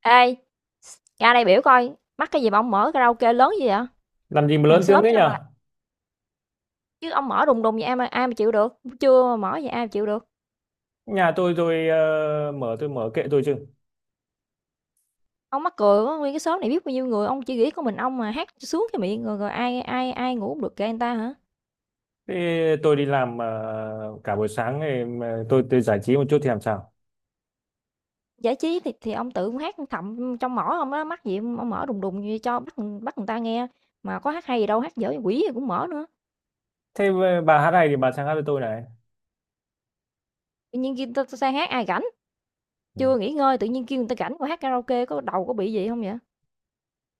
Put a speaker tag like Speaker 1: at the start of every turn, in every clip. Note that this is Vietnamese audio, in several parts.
Speaker 1: Ê, ra đây biểu coi, mắc cái gì mà ông mở karaoke lớn gì vậy?
Speaker 2: Làm gì mà
Speaker 1: Hàng
Speaker 2: lớn tiếng
Speaker 1: xóm
Speaker 2: thế
Speaker 1: nha mà,
Speaker 2: nhở?
Speaker 1: chứ ông mở đùng đùng vậy ai mà chịu được. Chưa mà mở vậy ai mà chịu được.
Speaker 2: Nhà tôi mở, tôi mở kệ tôi chứ.
Speaker 1: Ông mắc cười quá, nguyên cái xóm này biết bao nhiêu người, ông chỉ nghĩ có mình ông mà hát cho sướng cái miệng rồi rồi ai ai ai ngủ không được kệ người ta hả?
Speaker 2: Thế tôi đi làm cả buổi sáng thì mà tôi giải trí một chút thì làm sao?
Speaker 1: Giải trí thì ông tự ông hát thầm trong mỏ ông đó, mắc gì ông mở đùng đùng như cho bắt bắt người ta nghe, mà có hát hay gì đâu, hát dở quỷ gì cũng mở nữa.
Speaker 2: Thế bà hát này thì bà sang hát với tôi này.
Speaker 1: Tự nhiên kia ta sang hát ai rảnh,
Speaker 2: Ừ.
Speaker 1: chưa nghỉ ngơi tự nhiên kêu người ta rảnh qua hát karaoke có đầu có bị gì không vậy?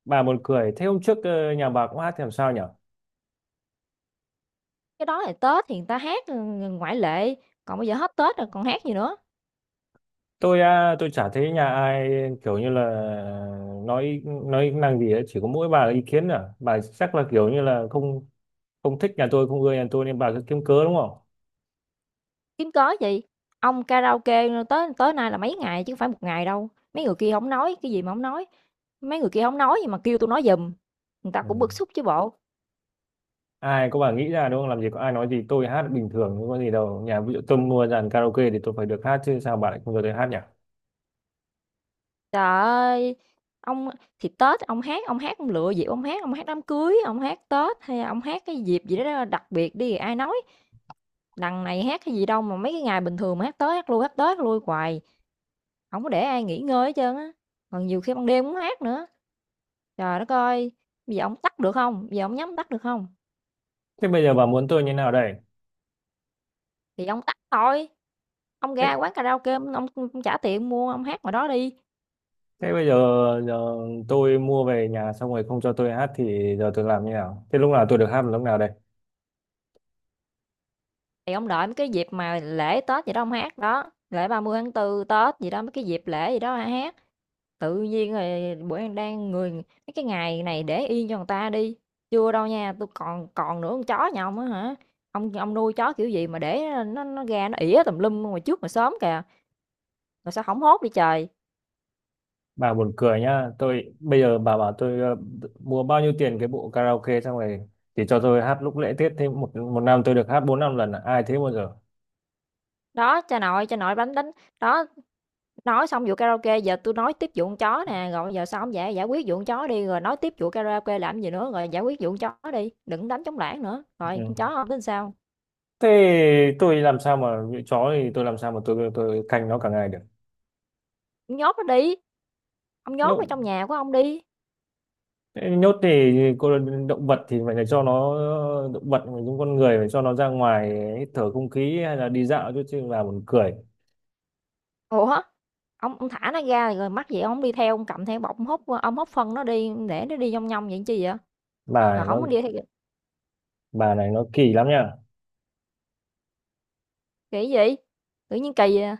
Speaker 2: Bà buồn cười, thế hôm trước nhà bà cũng hát thì làm sao nhở?
Speaker 1: Cái đó là Tết thì người ta hát, ừ, ngoại lệ, còn bây giờ hết Tết rồi còn hát gì nữa,
Speaker 2: Tôi à, tôi chả thấy nhà ai kiểu như là nói năng gì ấy. Chỉ có mỗi bà là ý kiến à, bà chắc là kiểu như là không không thích nhà tôi, không ưa nhà tôi nên bà cứ kiếm cớ đúng không?
Speaker 1: kiếm cớ gì. Ông karaoke tới tới nay là mấy ngày chứ không phải một ngày đâu, mấy người kia không nói, cái gì mà không nói, mấy người kia không nói gì mà kêu tôi nói giùm, người ta
Speaker 2: Ừ.
Speaker 1: cũng bức xúc chứ bộ.
Speaker 2: Ai có, bà nghĩ ra đúng không, làm gì có ai nói gì, tôi hát bình thường không có gì đâu. Nhà ví dụ tôi mua dàn karaoke thì tôi phải được hát chứ, sao bà lại không cho tôi hát nhỉ?
Speaker 1: Trời ơi, ông thì Tết ông hát, ông hát ông lựa dịp ông hát đám cưới, ông hát Tết hay ông hát cái dịp gì đó đặc biệt đi ai nói. Đằng này hát cái gì đâu mà mấy cái ngày bình thường mà hát tới hát lui, hát tới hát lui hoài. Hổng có để ai nghỉ ngơi hết trơn á, còn nhiều khi ban đêm cũng hát nữa. Trời đất ơi, bây giờ ổng tắt được không? Bây giờ ổng nhắm tắt được không?
Speaker 2: Thế bây giờ bà muốn tôi như nào đây?
Speaker 1: Thì ông tắt thôi, ông ra
Speaker 2: thế,
Speaker 1: quán karaoke ông trả tiền mua, ông hát ngoài đó đi,
Speaker 2: thế bây giờ, giờ tôi mua về nhà xong rồi không cho tôi hát thì giờ tôi làm như nào? Thế lúc nào tôi được hát là lúc nào đây?
Speaker 1: thì ông đợi mấy cái dịp mà lễ Tết gì đó ông hát đó, lễ 30 tháng 4 Tết gì đó, mấy cái dịp lễ gì đó ông hát. Tự nhiên rồi bữa đang đang người mấy cái ngày này để yên cho người ta đi. Chưa đâu nha, tôi còn còn nữa con chó nhà ông á hả? Ông nuôi chó kiểu gì mà để nó ra nó ỉa tùm lum ngoài trước mà sớm kìa, rồi sao hổng hốt đi trời.
Speaker 2: Bà buồn cười nhá, tôi bây giờ bà bảo tôi mua bao nhiêu tiền cái bộ karaoke xong rồi thì cho tôi hát lúc lễ Tết, thế một một năm tôi được hát bốn năm lần à? Ai thế bao giờ?
Speaker 1: Đó, cha nội đánh đánh đó, nói xong vụ karaoke giờ tôi nói tiếp vụ con chó nè, rồi giờ sao không giải giải quyết vụ con chó đi rồi nói tiếp vụ karaoke làm gì nữa, rồi giải quyết vụ con chó đi, đừng đánh trống lảng nữa. Rồi con
Speaker 2: Ừ.
Speaker 1: chó ông tính sao?
Speaker 2: Thế tôi làm sao mà như chó thì tôi làm sao mà tôi canh nó cả ngày được?
Speaker 1: Ông nhốt nó đi. Ông nhốt
Speaker 2: nhốt
Speaker 1: nó trong nhà của ông đi.
Speaker 2: nhốt thì cô, động vật thì phải là cho nó, động vật mình cũng con người phải cho nó ra ngoài hít thở không khí hay là đi dạo chứ chứ bà buồn cười.
Speaker 1: Ủa? Ông thả nó ra rồi mắc gì ông hổng đi theo, ông cầm theo bọc ông hút phân nó đi, để nó đi nhong nhong vậy chi vậy?
Speaker 2: bà này
Speaker 1: Rồi
Speaker 2: nó
Speaker 1: không có đi theo kỳ
Speaker 2: bà này nó kỳ lắm nha.
Speaker 1: gì? Tự nhiên kỳ à,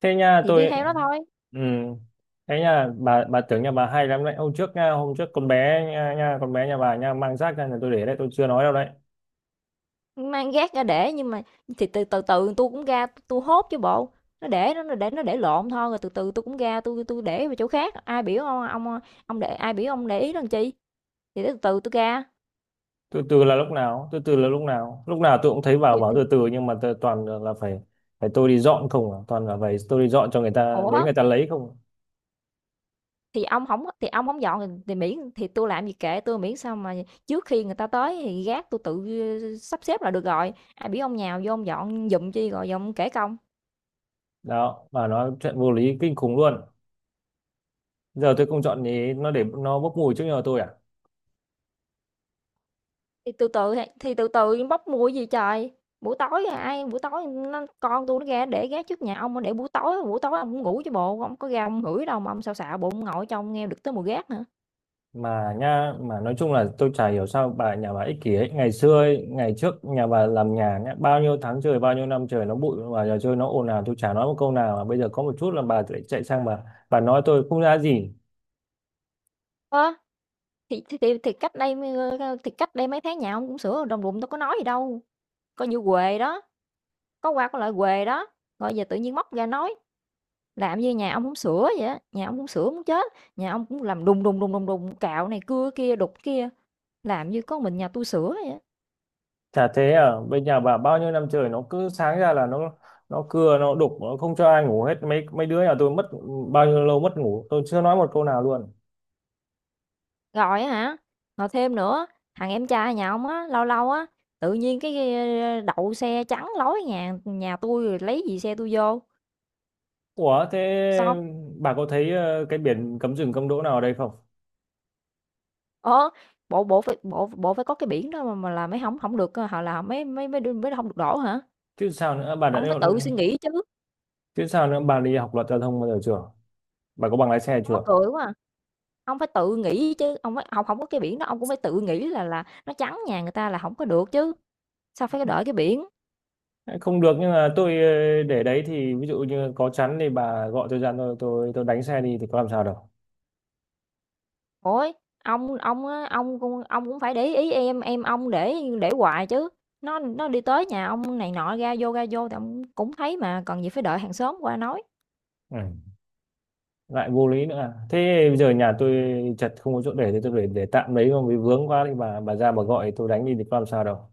Speaker 2: Thế nha
Speaker 1: thì đi
Speaker 2: tôi,
Speaker 1: theo nó thôi,
Speaker 2: ừ, thế nha bà tưởng nhà bà hay lắm đấy. Hôm trước nha, hôm trước con bé nha, con bé nhà bà nha mang rác ra nhà tôi để đấy, tôi chưa nói đâu đấy.
Speaker 1: mang gác ra để nhưng mà thì từ từ từ tui cũng ra tôi hốt chứ bộ, nó để lộn thôi, rồi từ từ tôi cũng ra tôi để vào chỗ khác, ai biểu ông, ông để ai biểu ông để ý làm chi, thì từ từ tôi ra,
Speaker 2: Từ từ là lúc nào? Từ từ là lúc nào? Lúc nào tôi cũng thấy bảo
Speaker 1: thì
Speaker 2: bảo
Speaker 1: thì
Speaker 2: từ từ, nhưng mà tôi toàn là phải phải tôi đi dọn không à? Toàn là phải tôi đi dọn cho người ta, đến
Speaker 1: ủa?
Speaker 2: người ta lấy không à?
Speaker 1: Thì ông hổng dọn thì miễn thì tôi làm gì kệ tôi miễn sao mà trước khi người ta tới thì gác tôi tự, sắp xếp là được rồi. Ai biết ông nhào vô ông dọn giùm chi rồi giờ ông kể công.
Speaker 2: Đó, và nó chuyện vô lý kinh khủng luôn. Giờ tôi không chọn ý nó để nó bốc mùi trước nhà tôi à?
Speaker 1: Thì từ từ bốc mùi gì trời. Buổi tối à, ai buổi tối nó con tôi nó ra để gác trước nhà ông, để buổi tối ông cũng ngủ chứ bộ, ông có ra ông ngửi đâu mà ông xạo xạo bụng ông ngồi trong nghe được tới mùi gác nữa.
Speaker 2: Mà nha, mà nói chung là tôi chả hiểu sao bà, nhà bà ích kỷ ấy. Ngày xưa ấy, ngày trước nhà bà làm nhà nhá, bao nhiêu tháng trời, bao nhiêu năm trời nó bụi và nhà chơi nó ồn ào, tôi chả nói một câu nào, mà bây giờ có một chút là bà lại chạy sang, bà nói tôi không ra gì.
Speaker 1: Ơ, thì thì thì thì cách đây, thì cách đây mấy tháng nhà ông cũng sửa đồng ruộng tôi có nói gì đâu, coi như huề đó. Có qua có lại huề đó, rồi giờ tự nhiên móc ra nói, làm như nhà ông hông sửa vậy á, nhà ông hông sửa muốn chết, nhà ông cũng làm đùng, đùng, đùng, đùng, đùng, cạo này cưa kia, đục kia, làm như có mình nhà tôi sửa vậy á.
Speaker 2: Chả thế à, bên nhà bà bao nhiêu năm trời nó cứ sáng ra là nó cưa nó đục nó không cho ai ngủ hết, mấy mấy đứa nhà tôi mất bao nhiêu lâu mất ngủ, tôi chưa nói một câu nào luôn.
Speaker 1: Rồi á hả, rồi thêm nữa, thằng em trai nhà ông á, lâu lâu á, tự nhiên cái, đậu xe chắn lối nhà nhà tôi lấy gì xe tôi vô,
Speaker 2: Ủa thế
Speaker 1: xong
Speaker 2: bà có thấy cái biển cấm dừng cấm đỗ nào ở đây không?
Speaker 1: ờ, bộ bộ phải có cái biển đó mà là mấy hổng không được, họ h là mấy mấy mới hông được đổ hả?
Speaker 2: Chứ sao nữa, bà đã,
Speaker 1: Ông phải tự suy nghĩ chứ,
Speaker 2: chứ sao nữa, bà đi học luật giao thông bao giờ chưa? Bà có bằng lái xe
Speaker 1: mắc
Speaker 2: chưa?
Speaker 1: cười quá à. Ông phải tự nghĩ chứ, ông phải hổng không có cái biển đó, ông cũng phải tự nghĩ là nó trắng nhà người ta là không có được chứ, sao phải đợi cái biển.
Speaker 2: Không được, nhưng mà tôi để đấy thì ví dụ như có chắn thì bà gọi tôi ra, tôi đánh xe đi thì có làm sao đâu.
Speaker 1: Ôi, ông á, ông cũng phải để ý em ông để hoài chứ, nó đi tới nhà ông này nọ ra vô thì ông cũng thấy mà, cần gì phải đợi hàng xóm qua nói.
Speaker 2: Ừ. Lại vô lý nữa à. Thế bây giờ nhà tôi chật không có chỗ để thì tôi để tạm đấy, không vì vướng quá thì bà ra bà gọi tôi đánh đi thì có làm sao đâu.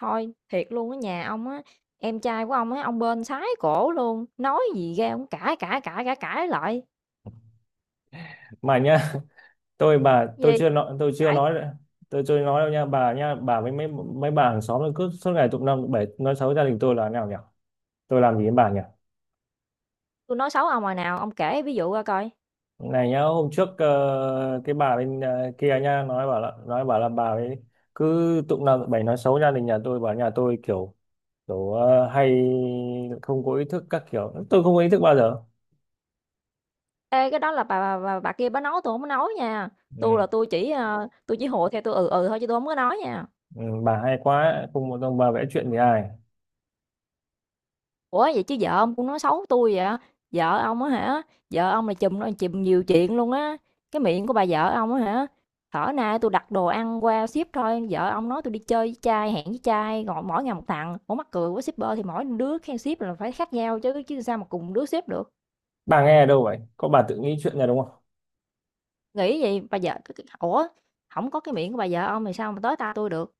Speaker 1: Thôi, thiệt luôn á, nhà ông á, em trai của ông á, ông bên sái cổ luôn, nói gì ra ông cãi, cãi, cãi, cãi, cãi lại.
Speaker 2: Mà nhá, tôi
Speaker 1: Gì?
Speaker 2: chưa nói,
Speaker 1: Cãi
Speaker 2: tôi chưa nói đâu nha. Bà với mấy mấy bà hàng xóm nó cứ suốt ngày tụng năm tụng bảy nói xấu gia đình tôi là nào nhỉ, tôi làm gì với bà nhỉ?
Speaker 1: tôi nói xấu ông hồi nào, ông kể ví dụ ra coi.
Speaker 2: Này nhá, hôm trước cái bà bên kia nha, nói bảo là bà ấy cứ tụng năm tụng bảy nói xấu gia đình nhà tôi, bảo nhà tôi kiểu kiểu hay không có ý thức các kiểu, tôi không có ý thức bao giờ.
Speaker 1: Ê, cái đó là bà kia bà nói tôi không có nói nha.
Speaker 2: Ừ.
Speaker 1: Tôi chỉ tôi chỉ hộ theo tôi ừ thôi chứ tôi không có nói nha.
Speaker 2: Ừ, bà hay quá, không một ông bà vẽ chuyện với ai.
Speaker 1: Ủa vậy chứ vợ ông cũng nói xấu tôi vậy? Vợ ông á hả? Vợ ông là chùm nhiều chuyện luôn á. Cái miệng của bà vợ ông á hả? Thở nay tôi đặt đồ ăn qua ship thôi, vợ ông nói tôi đi chơi với trai, hẹn với trai, gọi mỗi ngày một thằng. Ủa mắc cười quá shipper thì mỗi đứa khen ship là phải khác nhau chứ chứ sao mà cùng đứa ship được.
Speaker 2: Bà nghe ở đâu vậy, có bà tự nghĩ chuyện nhà đúng không?
Speaker 1: Nghĩ gì bà vợ ủa không có cái miệng của bà vợ ông thì sao mà tới ta tôi được.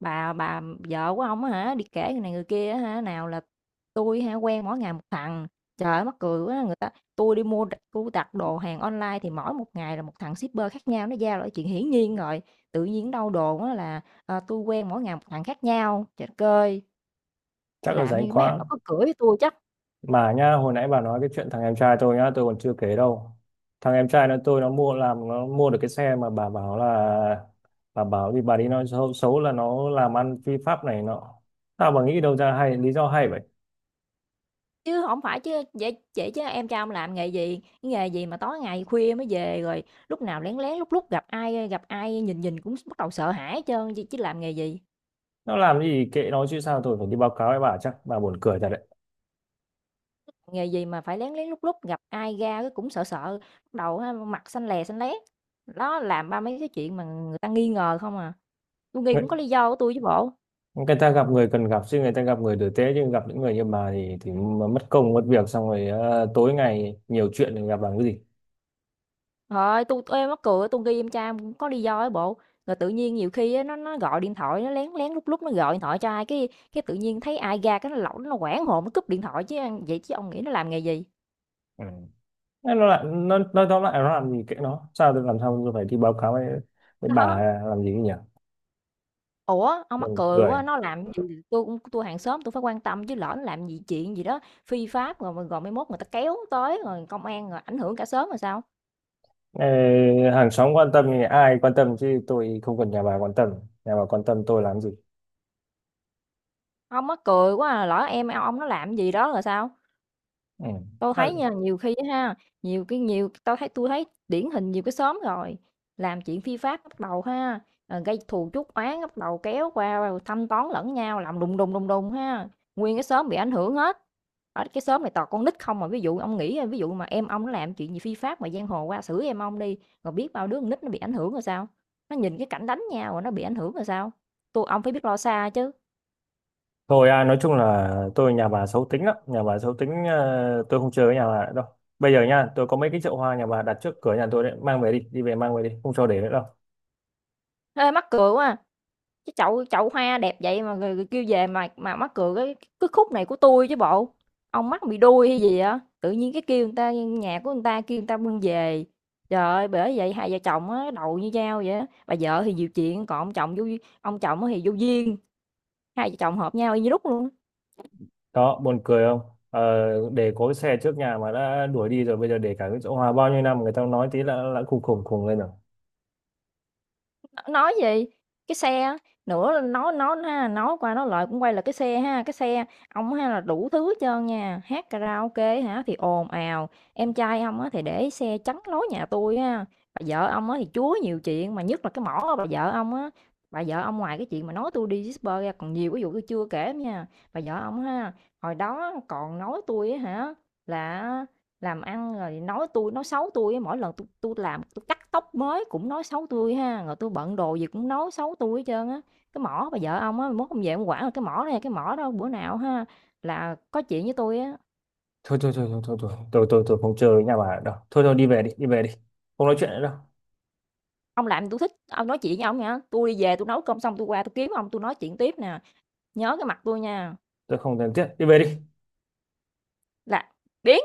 Speaker 1: Bà vợ của ông á hả, đi kể người này người kia á hả, nào là tôi hả, quen mỗi ngày một thằng." Trời ơi, mắc cười quá, người ta tôi đi mua tui đặt đồ hàng online thì mỗi một ngày là một thằng shipper khác nhau, nó giao lại chuyện hiển nhiên rồi. Tự nhiên đâu đồn á là, tui quen mỗi ngày một thằng khác nhau." Trời đất ơi,
Speaker 2: Chắc là
Speaker 1: làm
Speaker 2: rảnh
Speaker 1: như mấy thằng
Speaker 2: quá.
Speaker 1: đó có cửa với tôi chắc,
Speaker 2: Mà nhá, hồi nãy bà nói cái chuyện thằng em trai tôi nhá, tôi còn chưa kể đâu. Thằng em trai nó, nó mua, nó mua được cái xe mà bà bảo là, bà bảo vì bà đi nói xấu, xấu là nó làm ăn phi pháp này nọ. Tao bà nghĩ đâu ra hay, lý do hay vậy?
Speaker 1: chứ không phải chứ vậy vậy chứ em trai ông làm nghề gì? Cái nghề gì mà tối ngày khuya mới về, rồi lúc nào lén lén lúc lúc gặp ai nhìn nhìn cũng bắt đầu sợ hãi hết trơn, chứ chứ làm nghề gì?
Speaker 2: Nó làm gì kệ nó chứ, sao tôi phải đi báo cáo với bà? Chắc bà buồn cười thật đấy.
Speaker 1: Nghề gì mà phải lén lén lút lút, gặp ai ra cái cũng sợ sợ, lúc đầu á mặt xanh lè xanh lét. Đó, làm ba mấy cái chuyện mà người ta nghi ngờ không à. Tôi nghi cũng
Speaker 2: Người,
Speaker 1: có lý do của tôi chứ bộ.
Speaker 2: người ta gặp người cần gặp chứ, người ta gặp người tử tế chứ, gặp những người như bà thì mà mất công mất việc, xong rồi tối ngày nhiều chuyện thì gặp làm cái gì?
Speaker 1: Trời tui mắc cười, tôi nghi em trai em cũng có lý do ấy bộ. Rồi tự nhiên nhiều khi á, nó gọi điện thoại, nó lén lén lúc lúc nó gọi điện thoại cho ai, cái tự nhiên thấy ai ra cái nó hoảng hồn, nó cúp điện thoại chứ, vậy chứ ông nghĩ nó làm nghề gì?
Speaker 2: Ừ. Thế nó lại nó, tóm lại nó làm gì kệ nó, sao tôi làm sao tôi phải đi báo cáo với bà
Speaker 1: Đó.
Speaker 2: làm gì nhỉ?
Speaker 1: Ủa, ông mắc
Speaker 2: Buồn
Speaker 1: cười
Speaker 2: cười.
Speaker 1: quá, nó làm gì tui cũng tôi hàng xóm tôi phải quan tâm chứ lỡ nó làm gì chuyện gì đó phi pháp rồi rồi rồi mai mốt người ta kéo tới rồi công an rồi ảnh hưởng cả xóm rồi sao?
Speaker 2: Ê, hàng xóm quan tâm thì ai quan tâm chứ, tôi không cần nhà bà quan tâm, nhà bà quan tâm tôi làm gì?
Speaker 1: Ông mắc cười quá à, lỡ em ông nó làm gì đó rồi sao?
Speaker 2: Ừ.
Speaker 1: Tôi
Speaker 2: Đã-
Speaker 1: thấy nha, nhiều khi á ha, nhiều cái nhiều tôi thấy điển hình nhiều cái xóm rồi, làm chuyện phi pháp bắt đầu ha, gây thù chuốc oán, bắt đầu kéo qua rồi thăm toán lẫn nhau, làm đùng đùng, đùng đùng ha, nguyên cái xóm bị ảnh hưởng hết. Ở cái xóm này toàn con nít không mà ví dụ mà em ông nó làm chuyện gì phi pháp mà giang hồ qua xử em ông đi, rồi biết bao đứa con nít nó bị ảnh hưởng rồi sao? Nó nhìn cái cảnh đánh nhau rồi nó bị ảnh hưởng rồi sao? Ông phải biết lo xa chứ.
Speaker 2: thôi à, nói chung là tôi, nhà bà xấu tính lắm, nhà bà xấu tính, tôi không chơi với nhà bà nữa đâu. Bây giờ nha, tôi có mấy cái chậu hoa nhà bà đặt trước cửa nhà tôi đấy, mang về đi, đi về mang về đi, không cho để nữa đâu.
Speaker 1: Ê, mắc cười quá à! Cái chậu chậu hoa đẹp vậy mà người kêu về mà mắc cười cái khúc này của tôi chứ bộ. Ông mắc bị đuôi hay gì á, tự nhiên cái kêu người ta nhà của người ta kêu người ta bưng về. Trời ơi, bởi vậy hai vợ chồng á đầu như dao vậy á. Bà vợ thì nhiều chuyện, còn ông chồng á thì vô duyên, hai vợ chồng hợp nhau y như đúc luôn á.
Speaker 2: Đó, buồn cười không? Ờ, để có cái xe trước nhà mà đã đuổi đi rồi, bây giờ để cả cái chỗ hòa bao nhiêu năm người ta nói tí là khùng khùng khùng lên rồi.
Speaker 1: Nói gì? Cái xe á, nữa nói ha, nói qua nói lại cũng quay lại cái xe ha, cái xe ông ha là đủ thứ hết trơn nha, hát karaoke hả thì ồn ào, em trai ông á thì để xe chắn lối nhà tôi ha, bà vợ ông á thì chúa nhiều chuyện, mà nhất là cái mỏ bà vợ ông á, bà vợ ông ngoài cái chuyện mà nói tôi đi disper ra còn nhiều cái vụ tôi chưa kể nha. Bà vợ ông ha, hồi đó còn nói tôi á hả là làm ăn rồi nói tôi nói xấu tôi mỗi lần tôi làm tôi cắt tóc mới cũng nói xấu tôi ha, rồi tôi bận đồ gì cũng nói xấu tôi hết trơn á. Cái mỏ bà vợ ông á, mai mốt ông về ông quản là cái mỏ này, cái mỏ đó bữa nào ha là có chuyện với tôi á,
Speaker 2: Thôi thôi thôi thôi thôi thôi tôi không chơi với nhà bà đâu. Thôi thôi đi về đi, đi về đi. Không nói chuyện nữa đâu.
Speaker 1: "Ông làm tôi thích, ông nói chuyện với ông nha, tôi đi về tôi nấu cơm xong tôi qua tôi kiếm ông tôi nói chuyện tiếp nè, nhớ cái mặt tôi nha."
Speaker 2: Tôi không cần thiết. Đi về đi.
Speaker 1: Là biến